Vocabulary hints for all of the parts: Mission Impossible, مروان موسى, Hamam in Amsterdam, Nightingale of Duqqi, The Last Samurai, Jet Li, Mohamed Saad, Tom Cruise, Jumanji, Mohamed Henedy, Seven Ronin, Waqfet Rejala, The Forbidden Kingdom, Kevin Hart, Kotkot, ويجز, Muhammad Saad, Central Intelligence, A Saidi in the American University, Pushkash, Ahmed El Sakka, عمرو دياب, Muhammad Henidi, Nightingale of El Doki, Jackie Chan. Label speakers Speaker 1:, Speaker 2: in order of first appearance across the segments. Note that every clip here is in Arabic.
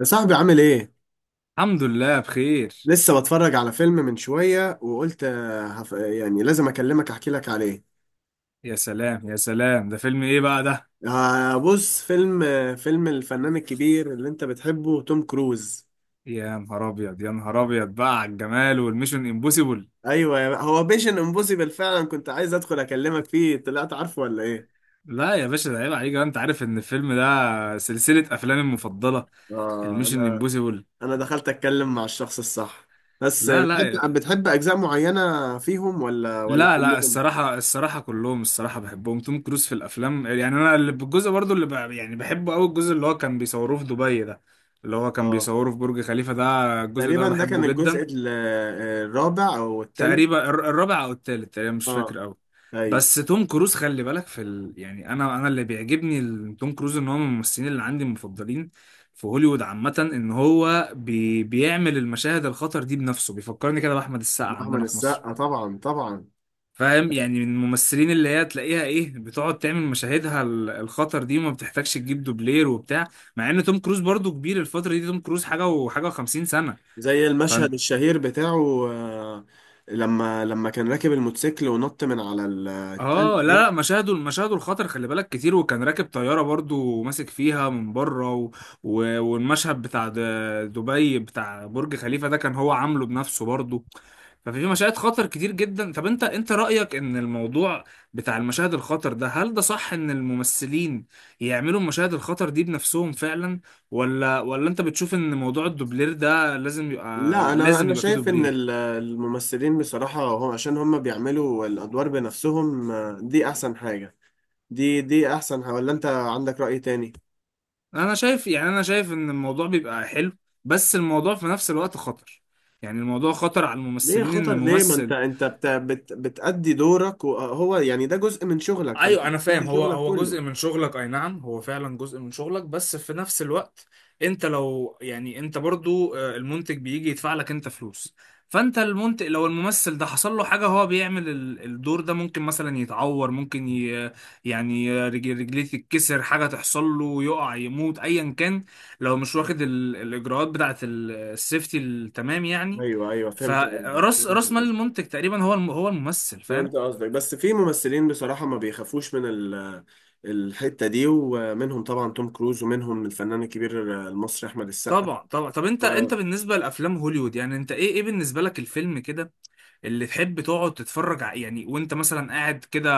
Speaker 1: يا صاحبي عامل ايه؟
Speaker 2: الحمد لله بخير.
Speaker 1: لسه بتفرج على فيلم من شوية وقلت يعني لازم اكلمك احكي لك عليه.
Speaker 2: يا سلام يا سلام، ده فيلم ايه بقى ده؟
Speaker 1: بص فيلم الفنان الكبير اللي انت بتحبه توم كروز.
Speaker 2: يا نهار ابيض يا نهار ابيض بقى على الجمال والميشن امبوسيبل.
Speaker 1: ايوه، هو بيشن امبوسيبل فعلا، كنت عايز ادخل اكلمك فيه، طلعت عارفه ولا ايه؟
Speaker 2: لا يا باشا ده عيب عليك بقى، انت عارف ان الفيلم ده سلسلة افلامي المفضلة،
Speaker 1: اه،
Speaker 2: الميشن
Speaker 1: انا
Speaker 2: امبوسيبل.
Speaker 1: انا دخلت اتكلم مع الشخص الصح. بس
Speaker 2: لا لا
Speaker 1: بتحب اجزاء معينة فيهم ولا
Speaker 2: لا لا،
Speaker 1: كلهم؟
Speaker 2: الصراحة الصراحة كلهم الصراحة بحبهم. توم كروز في الافلام، يعني انا اللي بالجزء برضو يعني بحبه قوي، الجزء اللي هو كان بيصوروه في دبي ده، اللي هو كان
Speaker 1: اه،
Speaker 2: بيصوره في برج خليفة ده، الجزء ده
Speaker 1: تقريبا ده كان
Speaker 2: بحبه
Speaker 1: الجزء
Speaker 2: جدا.
Speaker 1: ال- آه، الرابع او الثالث.
Speaker 2: تقريبا الرابع او التالت تقريبا، مش
Speaker 1: اه،
Speaker 2: فاكر قوي.
Speaker 1: ايوه،
Speaker 2: بس توم كروز خلي بالك يعني انا اللي بيعجبني توم كروز ان هو من الممثلين اللي عندي المفضلين في هوليوود عامة، ان هو بيعمل المشاهد الخطر دي بنفسه، بيفكرني كده بأحمد السقا
Speaker 1: احمد
Speaker 2: عندنا في مصر.
Speaker 1: السقا طبعا طبعا.
Speaker 2: فاهم؟ يعني من الممثلين اللي هي تلاقيها ايه، بتقعد تعمل مشاهدها الخطر دي وما بتحتاجش تجيب دوبلير وبتاع، مع ان توم كروز برضو كبير الفترة دي، توم كروز حاجة وحاجة و50 سنة.
Speaker 1: زي المشهد الشهير بتاعه، لما كان راكب الموتوسيكل ونط من على التلج
Speaker 2: اه لا
Speaker 1: دي.
Speaker 2: لا، مشاهده الخطر خلي بالك كتير، وكان راكب طياره برضو وماسك فيها من بره والمشهد بتاع دبي بتاع برج خليفه ده كان هو عامله بنفسه برضو. ففي مشاهد خطر كتير جدا. طب انت رأيك ان الموضوع بتاع المشاهد الخطر ده، هل ده صح ان الممثلين يعملوا المشاهد الخطر دي بنفسهم فعلا، ولا انت بتشوف ان موضوع الدوبلير ده لازم يبقى،
Speaker 1: لا، انا
Speaker 2: لازم
Speaker 1: انا
Speaker 2: يبقى فيه
Speaker 1: شايف ان
Speaker 2: دوبلير؟
Speaker 1: الممثلين بصراحة، هم عشان هم بيعملوا الادوار بنفسهم، دي احسن حاجة. دي احسن ولا انت عندك رأي تاني؟
Speaker 2: انا شايف، يعني انا شايف ان الموضوع بيبقى حلو بس الموضوع في نفس الوقت خطر، يعني الموضوع خطر على
Speaker 1: ليه
Speaker 2: الممثلين، ان
Speaker 1: خطر؟ ليه؟ ما انت
Speaker 2: ممثل،
Speaker 1: انت بت بت بتأدي دورك، وهو يعني ده جزء من شغلك، فانت
Speaker 2: ايوه انا فاهم،
Speaker 1: بتأدي
Speaker 2: هو
Speaker 1: شغلك
Speaker 2: هو
Speaker 1: كله.
Speaker 2: جزء من شغلك، اي نعم هو فعلا جزء من شغلك، بس في نفس الوقت انت لو يعني انت برضو، المنتج بيجي يدفع لك انت فلوس، فانت المنتج لو الممثل ده حصل له حاجه، هو بيعمل الدور ده، ممكن مثلا يتعور، ممكن ي يعني رجليه تتكسر، حاجه تحصل له، يقع، يموت، ايا كان، لو مش واخد الاجراءات بتاعه السيفتي التمام يعني.
Speaker 1: ايوه ايوه، فهمت قصدي،
Speaker 2: فراس، راس مال
Speaker 1: فهمت.
Speaker 2: المنتج تقريبا هو هو الممثل، فاهم؟
Speaker 1: فهمت قصدك، بس في ممثلين بصراحة ما بيخافوش من الحتة دي، ومنهم طبعا توم كروز ومنهم الفنان الكبير المصري أحمد السقا.
Speaker 2: طبعا طبعا. طب انت بالنسبه لافلام هوليوود، يعني انت ايه بالنسبه لك الفيلم كده اللي تحب تقعد يعني وانت مثلا قاعد كده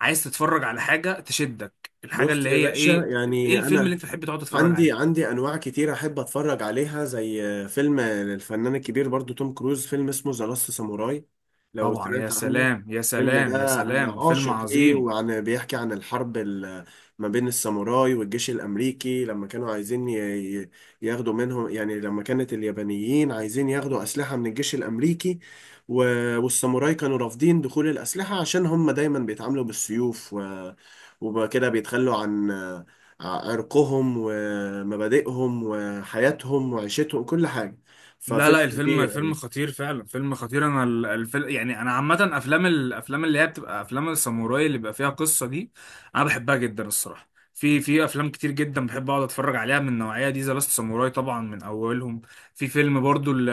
Speaker 2: عايز تتفرج على حاجه تشدك، الحاجه
Speaker 1: بص
Speaker 2: اللي
Speaker 1: يا
Speaker 2: هي
Speaker 1: باشا،
Speaker 2: ايه؟ ايه
Speaker 1: يعني
Speaker 2: الفيلم اللي
Speaker 1: انا
Speaker 2: انت تحب تقعد تتفرج
Speaker 1: عندي
Speaker 2: عليه؟
Speaker 1: عندي انواع كتير احب اتفرج عليها، زي فيلم الفنان الكبير برضو توم كروز، فيلم اسمه ذا لاست ساموراي، لو
Speaker 2: طبعا، يا
Speaker 1: سمعت عنه.
Speaker 2: سلام يا
Speaker 1: الفيلم
Speaker 2: سلام يا
Speaker 1: ده انا
Speaker 2: سلام، فيلم
Speaker 1: عاشق ليه،
Speaker 2: عظيم.
Speaker 1: وعن بيحكي عن الحرب ما بين الساموراي والجيش الامريكي، لما كانوا عايزين ي- ياخدوا منهم، يعني لما كانت اليابانيين عايزين ياخدوا اسلحة من الجيش الامريكي، والساموراي كانوا رافضين دخول الاسلحة عشان هم دايما بيتعاملوا بالسيوف، وبقى كده بيتخلوا عن عرقهم ومبادئهم وحياتهم وعيشتهم، كل حاجة.
Speaker 2: لا
Speaker 1: ففيلم
Speaker 2: لا، الفيلم
Speaker 1: كبير.
Speaker 2: فيلم خطير فعلا، فيلم خطير. انا الفيلم، يعني انا عامه افلام، الافلام اللي هي بتبقى افلام الساموراي اللي بيبقى فيها قصه دي، انا بحبها جدا الصراحه. في في افلام كتير جدا بحب اقعد اتفرج عليها من النوعيه دي. ذا لاست ساموراي طبعا من اولهم. في فيلم برضو ل-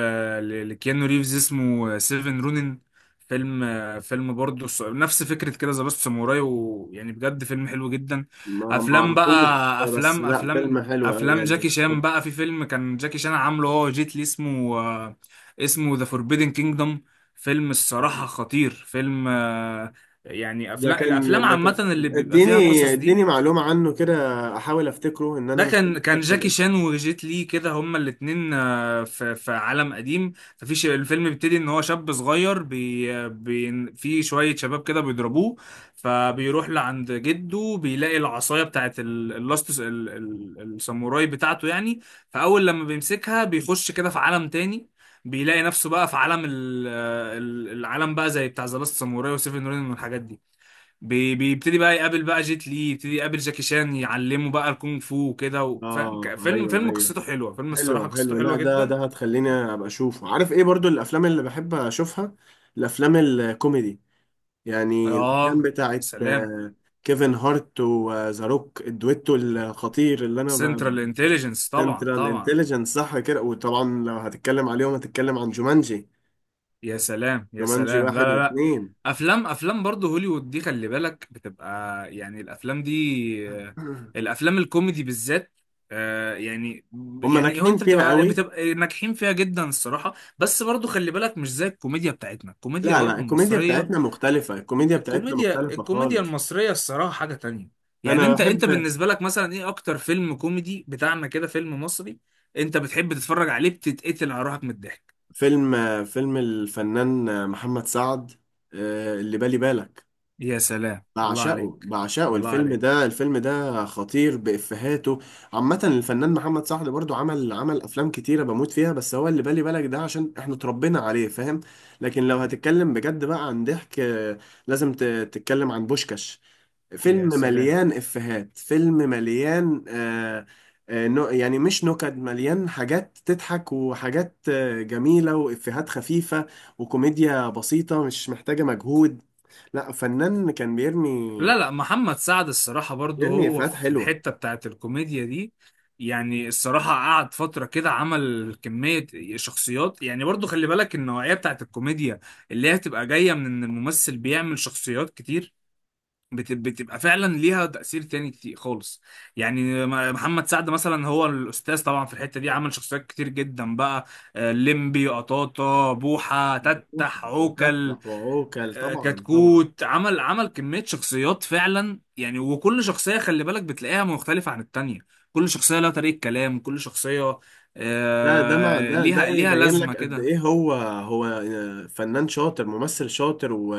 Speaker 2: ل- لكيانو ريفز، اسمه سيفن رونين، فيلم، فيلم برضو نفس فكره كده ذا لاست ساموراي، ويعني بجد فيلم حلو جدا.
Speaker 1: ما
Speaker 2: افلام
Speaker 1: اعرفوش،
Speaker 2: بقى،
Speaker 1: بس
Speaker 2: افلام
Speaker 1: لا فيلم
Speaker 2: افلام
Speaker 1: حلو قوي
Speaker 2: افلام
Speaker 1: يعني.
Speaker 2: جاكي شان بقى، في فيلم كان جاكي شان عامله هو جيت لي، اسمه اسمه ذا فوربيدن كينجدم. فيلم الصراحة خطير، فيلم آه، يعني افلام،
Speaker 1: لكن
Speaker 2: الافلام عامة
Speaker 1: لكن
Speaker 2: اللي بيبقى فيها
Speaker 1: اديني
Speaker 2: قصص دي.
Speaker 1: اديني معلومة عنه كده، احاول افتكره، ان انا
Speaker 2: ده
Speaker 1: مش قادر
Speaker 2: كان
Speaker 1: افتكر
Speaker 2: جاكي
Speaker 1: الاسم.
Speaker 2: شان وجيت لي كده، هما الاتنين في في عالم قديم، الفيلم بيبتدي ان هو شاب صغير بي آه، بي في شوية شباب كده بيضربوه، فبيروح لعند جده، بيلاقي العصاية بتاعت اللاست الساموراي بتاعته يعني، فأول لما بيمسكها بيخش كده في عالم تاني، بيلاقي نفسه بقى في عالم العالم بقى زي بتاع ذا لاست ساموراي وسيفن رينج والحاجات دي، بيبتدي بقى يقابل بقى جيت لي، يبتدي يقابل جاكي شان يعلمه بقى الكونغ فو وكده، فاهم؟
Speaker 1: اه
Speaker 2: فيلم،
Speaker 1: ايوه
Speaker 2: فيلم
Speaker 1: ايوه،
Speaker 2: قصته حلوه، فيلم الصراحه
Speaker 1: حلو حلو.
Speaker 2: قصته
Speaker 1: لا،
Speaker 2: حلوه
Speaker 1: ده
Speaker 2: جدا.
Speaker 1: ده هتخليني ابقى اشوفه. عارف ايه برضو الافلام اللي بحب اشوفها؟ الافلام الكوميدي، يعني الافلام
Speaker 2: اه
Speaker 1: بتاعت
Speaker 2: سلام.
Speaker 1: آه، كيفن هارت وذا روك، الدويتو الخطير اللي انا
Speaker 2: سنترال انتليجنس طبعا
Speaker 1: سنترال
Speaker 2: طبعا.
Speaker 1: انتليجنس، صح كده. وطبعا لو هتتكلم عليهم هتتكلم عن جومانجي
Speaker 2: يا سلام يا
Speaker 1: جومانجي
Speaker 2: سلام، لا
Speaker 1: واحد
Speaker 2: لا لا.
Speaker 1: واثنين.
Speaker 2: افلام، افلام برضه هوليوود دي خلي بالك بتبقى، يعني الافلام دي الافلام الكوميدي بالذات، يعني،
Speaker 1: هم
Speaker 2: يعني هو
Speaker 1: ناجحين
Speaker 2: انت
Speaker 1: فيها
Speaker 2: بتبقى
Speaker 1: قوي.
Speaker 2: بتبقى ناجحين فيها جدا الصراحه، بس برضه خلي بالك مش زي الكوميديا بتاعتنا، الكوميديا
Speaker 1: لا لا،
Speaker 2: برضه
Speaker 1: الكوميديا
Speaker 2: المصريه،
Speaker 1: بتاعتنا مختلفة، الكوميديا بتاعتنا
Speaker 2: الكوميديا،
Speaker 1: مختلفة
Speaker 2: الكوميديا
Speaker 1: خالص.
Speaker 2: المصرية الصراحة حاجة تانية. يعني
Speaker 1: أنا
Speaker 2: انت
Speaker 1: بحب
Speaker 2: بالنسبة لك مثلا ايه اكتر فيلم كوميدي بتاعنا كده، فيلم مصري انت بتحب تتفرج عليه بتتقتل على روحك من الضحك؟
Speaker 1: فيلم الفنان محمد سعد، اللي بالي بالك.
Speaker 2: يا سلام، الله
Speaker 1: بعشقه
Speaker 2: عليك،
Speaker 1: بعشقه
Speaker 2: الله
Speaker 1: الفيلم
Speaker 2: عليك،
Speaker 1: ده، الفيلم ده خطير بإفهاته. عامة الفنان محمد سعد برضو عمل أفلام كتيرة بموت فيها، بس هو اللي بالي بالك ده عشان احنا اتربينا عليه، فاهم. لكن لو هتتكلم بجد بقى عن ضحك، لازم تتكلم عن بوشكاش، فيلم
Speaker 2: يا سلام.
Speaker 1: مليان إفيهات، فيلم مليان. نو يعني مش نكد، مليان حاجات تضحك وحاجات جميلة وإفيهات خفيفة، وكوميديا بسيطة مش محتاجة مجهود. لا فنان، كان بيرمي
Speaker 2: لا لا، محمد سعد الصراحة برضو
Speaker 1: بيرمي
Speaker 2: هو
Speaker 1: إفيهات
Speaker 2: في
Speaker 1: حلوة
Speaker 2: الحتة بتاعت الكوميديا دي، يعني الصراحة قعد فترة كده عمل كمية شخصيات، يعني برضو خلي بالك النوعية بتاعت الكوميديا اللي هي هتبقى جاية من ان الممثل بيعمل شخصيات كتير، بتبقى فعلا ليها تأثير تاني كتير خالص، يعني محمد سعد مثلا هو الأستاذ طبعا في الحتة دي، عمل شخصيات كتير جدا بقى، ليمبي، قطاطة، بوحة، تتح، عوكل،
Speaker 1: وتفتح وعوكل طبعا طبعا.
Speaker 2: كتكوت، عمل كمية شخصيات فعلا يعني، وكل شخصية خلي بالك بتلاقيها مختلفة عن التانية، كل شخصية لها طريقة كلام، كل شخصية
Speaker 1: ده مع ده
Speaker 2: ليها
Speaker 1: يبين
Speaker 2: لازمة
Speaker 1: لك قد
Speaker 2: كده.
Speaker 1: ايه هو فنان شاطر، ممثل شاطر، و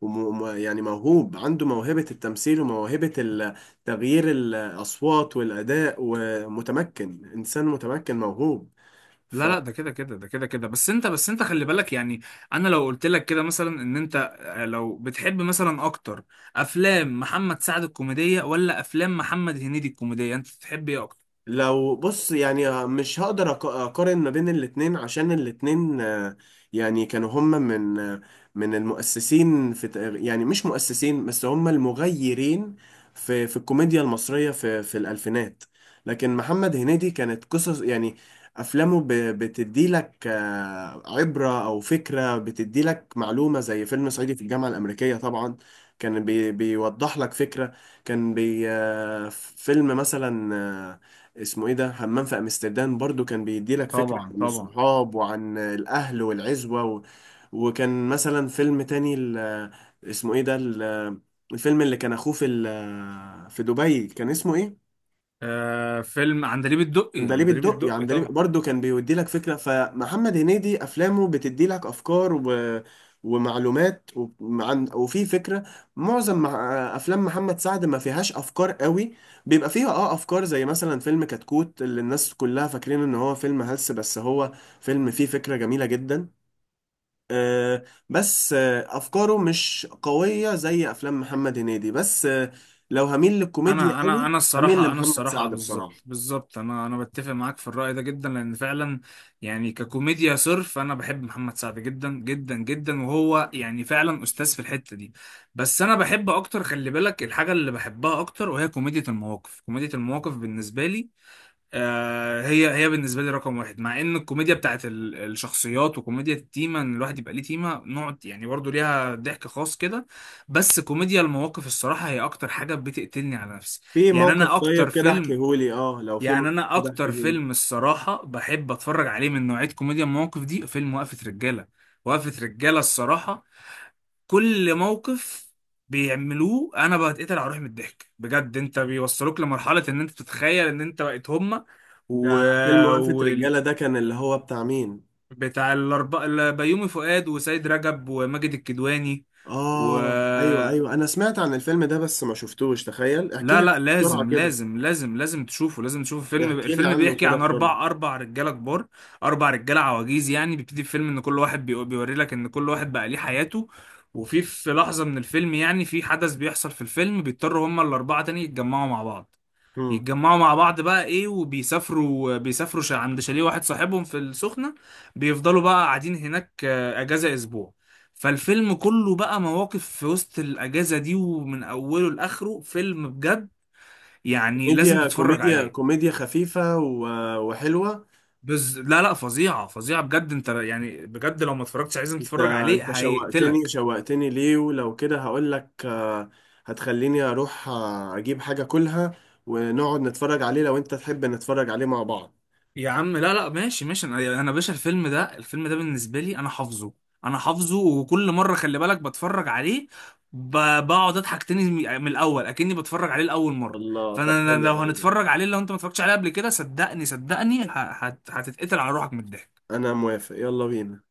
Speaker 1: و- و- يعني موهوب، عنده موهبة التمثيل وموهبة تغيير الأصوات والأداء، ومتمكن، إنسان متمكن موهوب.
Speaker 2: لا لا ده كده كده ده كده كده، بس انت خلي بالك يعني، انا لو قلت لك كده مثلا ان انت، لو بتحب مثلا اكتر افلام محمد سعد الكوميديه ولا افلام محمد هنيدي الكوميديه، انت تحب ايه اكتر؟
Speaker 1: لو بص، يعني مش هقدر اقارن ما بين الاتنين، عشان الاتنين، يعني كانوا هم من المؤسسين، في يعني مش مؤسسين، بس هم المغيرين في الكوميديا المصرية في الألفينات. لكن محمد هنيدي كانت قصص، يعني أفلامه بتدي لك عبرة أو فكرة، بتدي لك معلومة، زي فيلم صعيدي في الجامعة الأمريكية طبعا، كان بيوضح لك فكرة. كان بي آه، فيلم مثلا، اسمه ايه ده، همام في امستردام برضو، كان بيدي لك فكرة
Speaker 2: طبعا
Speaker 1: عن
Speaker 2: طبعا.
Speaker 1: الصحاب وعن الاهل والعزوة و... وكان مثلا فيلم تاني، ال... اسمه ايه ده، ال... الفيلم اللي كان اخوه في ال... في دبي، كان اسمه ايه؟
Speaker 2: آه، فيلم عندليب الدقي،
Speaker 1: عندليب
Speaker 2: عندليب
Speaker 1: الدق، يعني
Speaker 2: الدقي
Speaker 1: عندليب
Speaker 2: طبعا.
Speaker 1: برضه كان بيودي لك فكرة. فمحمد هنيدي أفلامه بتدي لك أفكار و... ومعلومات و... عن... وفي فكرة معظم مع... أفلام محمد سعد ما فيهاش أفكار قوي، بيبقى فيها أه أفكار، زي مثلا فيلم كتكوت، اللي الناس كلها فاكرين إن هو فيلم هلس، بس هو فيلم فيه فكرة جميلة جدا. آه، بس آه أفكاره مش قوية زي أفلام محمد هنيدي، بس آه، لو هميل للكوميديا
Speaker 2: انا انا
Speaker 1: قوي
Speaker 2: انا
Speaker 1: هميل
Speaker 2: الصراحه، انا
Speaker 1: لمحمد
Speaker 2: الصراحه
Speaker 1: سعد
Speaker 2: بالظبط
Speaker 1: بصراحة.
Speaker 2: بالظبط، انا بتفق معاك في الراي ده جدا، لان فعلا يعني ككوميديا صرف انا بحب محمد سعد جدا جدا جدا، وهو يعني فعلا استاذ في الحته دي. بس انا بحب اكتر خلي بالك، الحاجه اللي بحبها اكتر وهي كوميديا المواقف، كوميديا المواقف بالنسبه لي، هي بالنسبه لي رقم واحد، مع ان الكوميديا بتاعت الشخصيات وكوميديا التيمه، ان الواحد يبقى ليه تيمه نوع، يعني برضو ليها ضحك خاص كده، بس كوميديا المواقف الصراحه هي اكتر حاجه بتقتلني على نفسي.
Speaker 1: في
Speaker 2: يعني
Speaker 1: موقف؟
Speaker 2: انا
Speaker 1: طيب
Speaker 2: اكتر
Speaker 1: كده
Speaker 2: فيلم،
Speaker 1: احكيهولي، اه، لو في
Speaker 2: يعني
Speaker 1: موقف
Speaker 2: انا
Speaker 1: كده
Speaker 2: اكتر
Speaker 1: احكيهولي.
Speaker 2: فيلم الصراحه بحب اتفرج عليه من نوعيه كوميديا المواقف دي، فيلم وقفه رجاله. وقفه رجاله الصراحه، كل موقف بيعملوه انا بتقتل على روحي من الضحك بجد، انت بيوصلوك لمرحله ان انت تتخيل ان انت بقيت هما. و...
Speaker 1: ده فيلم وقفة
Speaker 2: و...
Speaker 1: رجالة ده، كان اللي هو بتاع مين؟
Speaker 2: بتاع الاربعه، بيومي فؤاد، وسيد رجب، وماجد الكدواني. و
Speaker 1: اه ايوه ايوه، انا سمعت عن الفيلم ده بس ما شفتوش، تخيل احكي
Speaker 2: لا
Speaker 1: لي.
Speaker 2: لا،
Speaker 1: بسرعة
Speaker 2: لازم
Speaker 1: كده،
Speaker 2: لازم لازم لازم تشوفه، لازم تشوفه. فيلم،
Speaker 1: احكي لي
Speaker 2: الفيلم
Speaker 1: عنه
Speaker 2: بيحكي
Speaker 1: كده
Speaker 2: عن
Speaker 1: بسرعة.
Speaker 2: اربع، رجاله كبار، اربع رجاله عواجيز يعني، بيبتدي الفيلم ان كل واحد بيوري لك ان كل واحد بقى ليه حياته، وفي في لحظه من الفيلم يعني، في حدث بيحصل في الفيلم بيضطروا هما الاربعه تاني يتجمعوا مع بعض،
Speaker 1: مم.
Speaker 2: يتجمعوا مع بعض بقى ايه، وبيسافروا، عند شاليه واحد صاحبهم في السخنه، بيفضلوا بقى قاعدين هناك اجازه اسبوع. فالفيلم كله بقى مواقف في وسط الاجازه دي ومن اوله لاخره، فيلم بجد يعني لازم
Speaker 1: كوميديا
Speaker 2: تتفرج
Speaker 1: كوميديا
Speaker 2: عليه.
Speaker 1: كوميديا خفيفة وحلوة.
Speaker 2: بس لا لا، فظيعة فظيعة بجد، انت يعني بجد لو ما اتفرجتش، عايزين
Speaker 1: انت،
Speaker 2: تتفرج عليه
Speaker 1: شوقتني
Speaker 2: هيقتلك.
Speaker 1: شوقتني ليه، ولو كده هقول لك، هتخليني اروح اجيب حاجة كلها، ونقعد نتفرج عليه، لو انت تحب نتفرج عليه مع بعض.
Speaker 2: يا عم لا لا، ماشي ماشي. انا باشا الفيلم ده، الفيلم ده بالنسبة لي انا حافظه، انا حافظه، وكل مرة خلي بالك بتفرج عليه بقعد اضحك تاني من من الاول اكني بتفرج عليه لاول مرة.
Speaker 1: الله، طب
Speaker 2: فانا، أنا
Speaker 1: حلو.
Speaker 2: لو هنتفرج عليه، لو انت ما اتفرجتش عليه قبل كده، صدقني صدقني هتتقتل على روحك من الضحك.
Speaker 1: انا موافق، يلا بينا.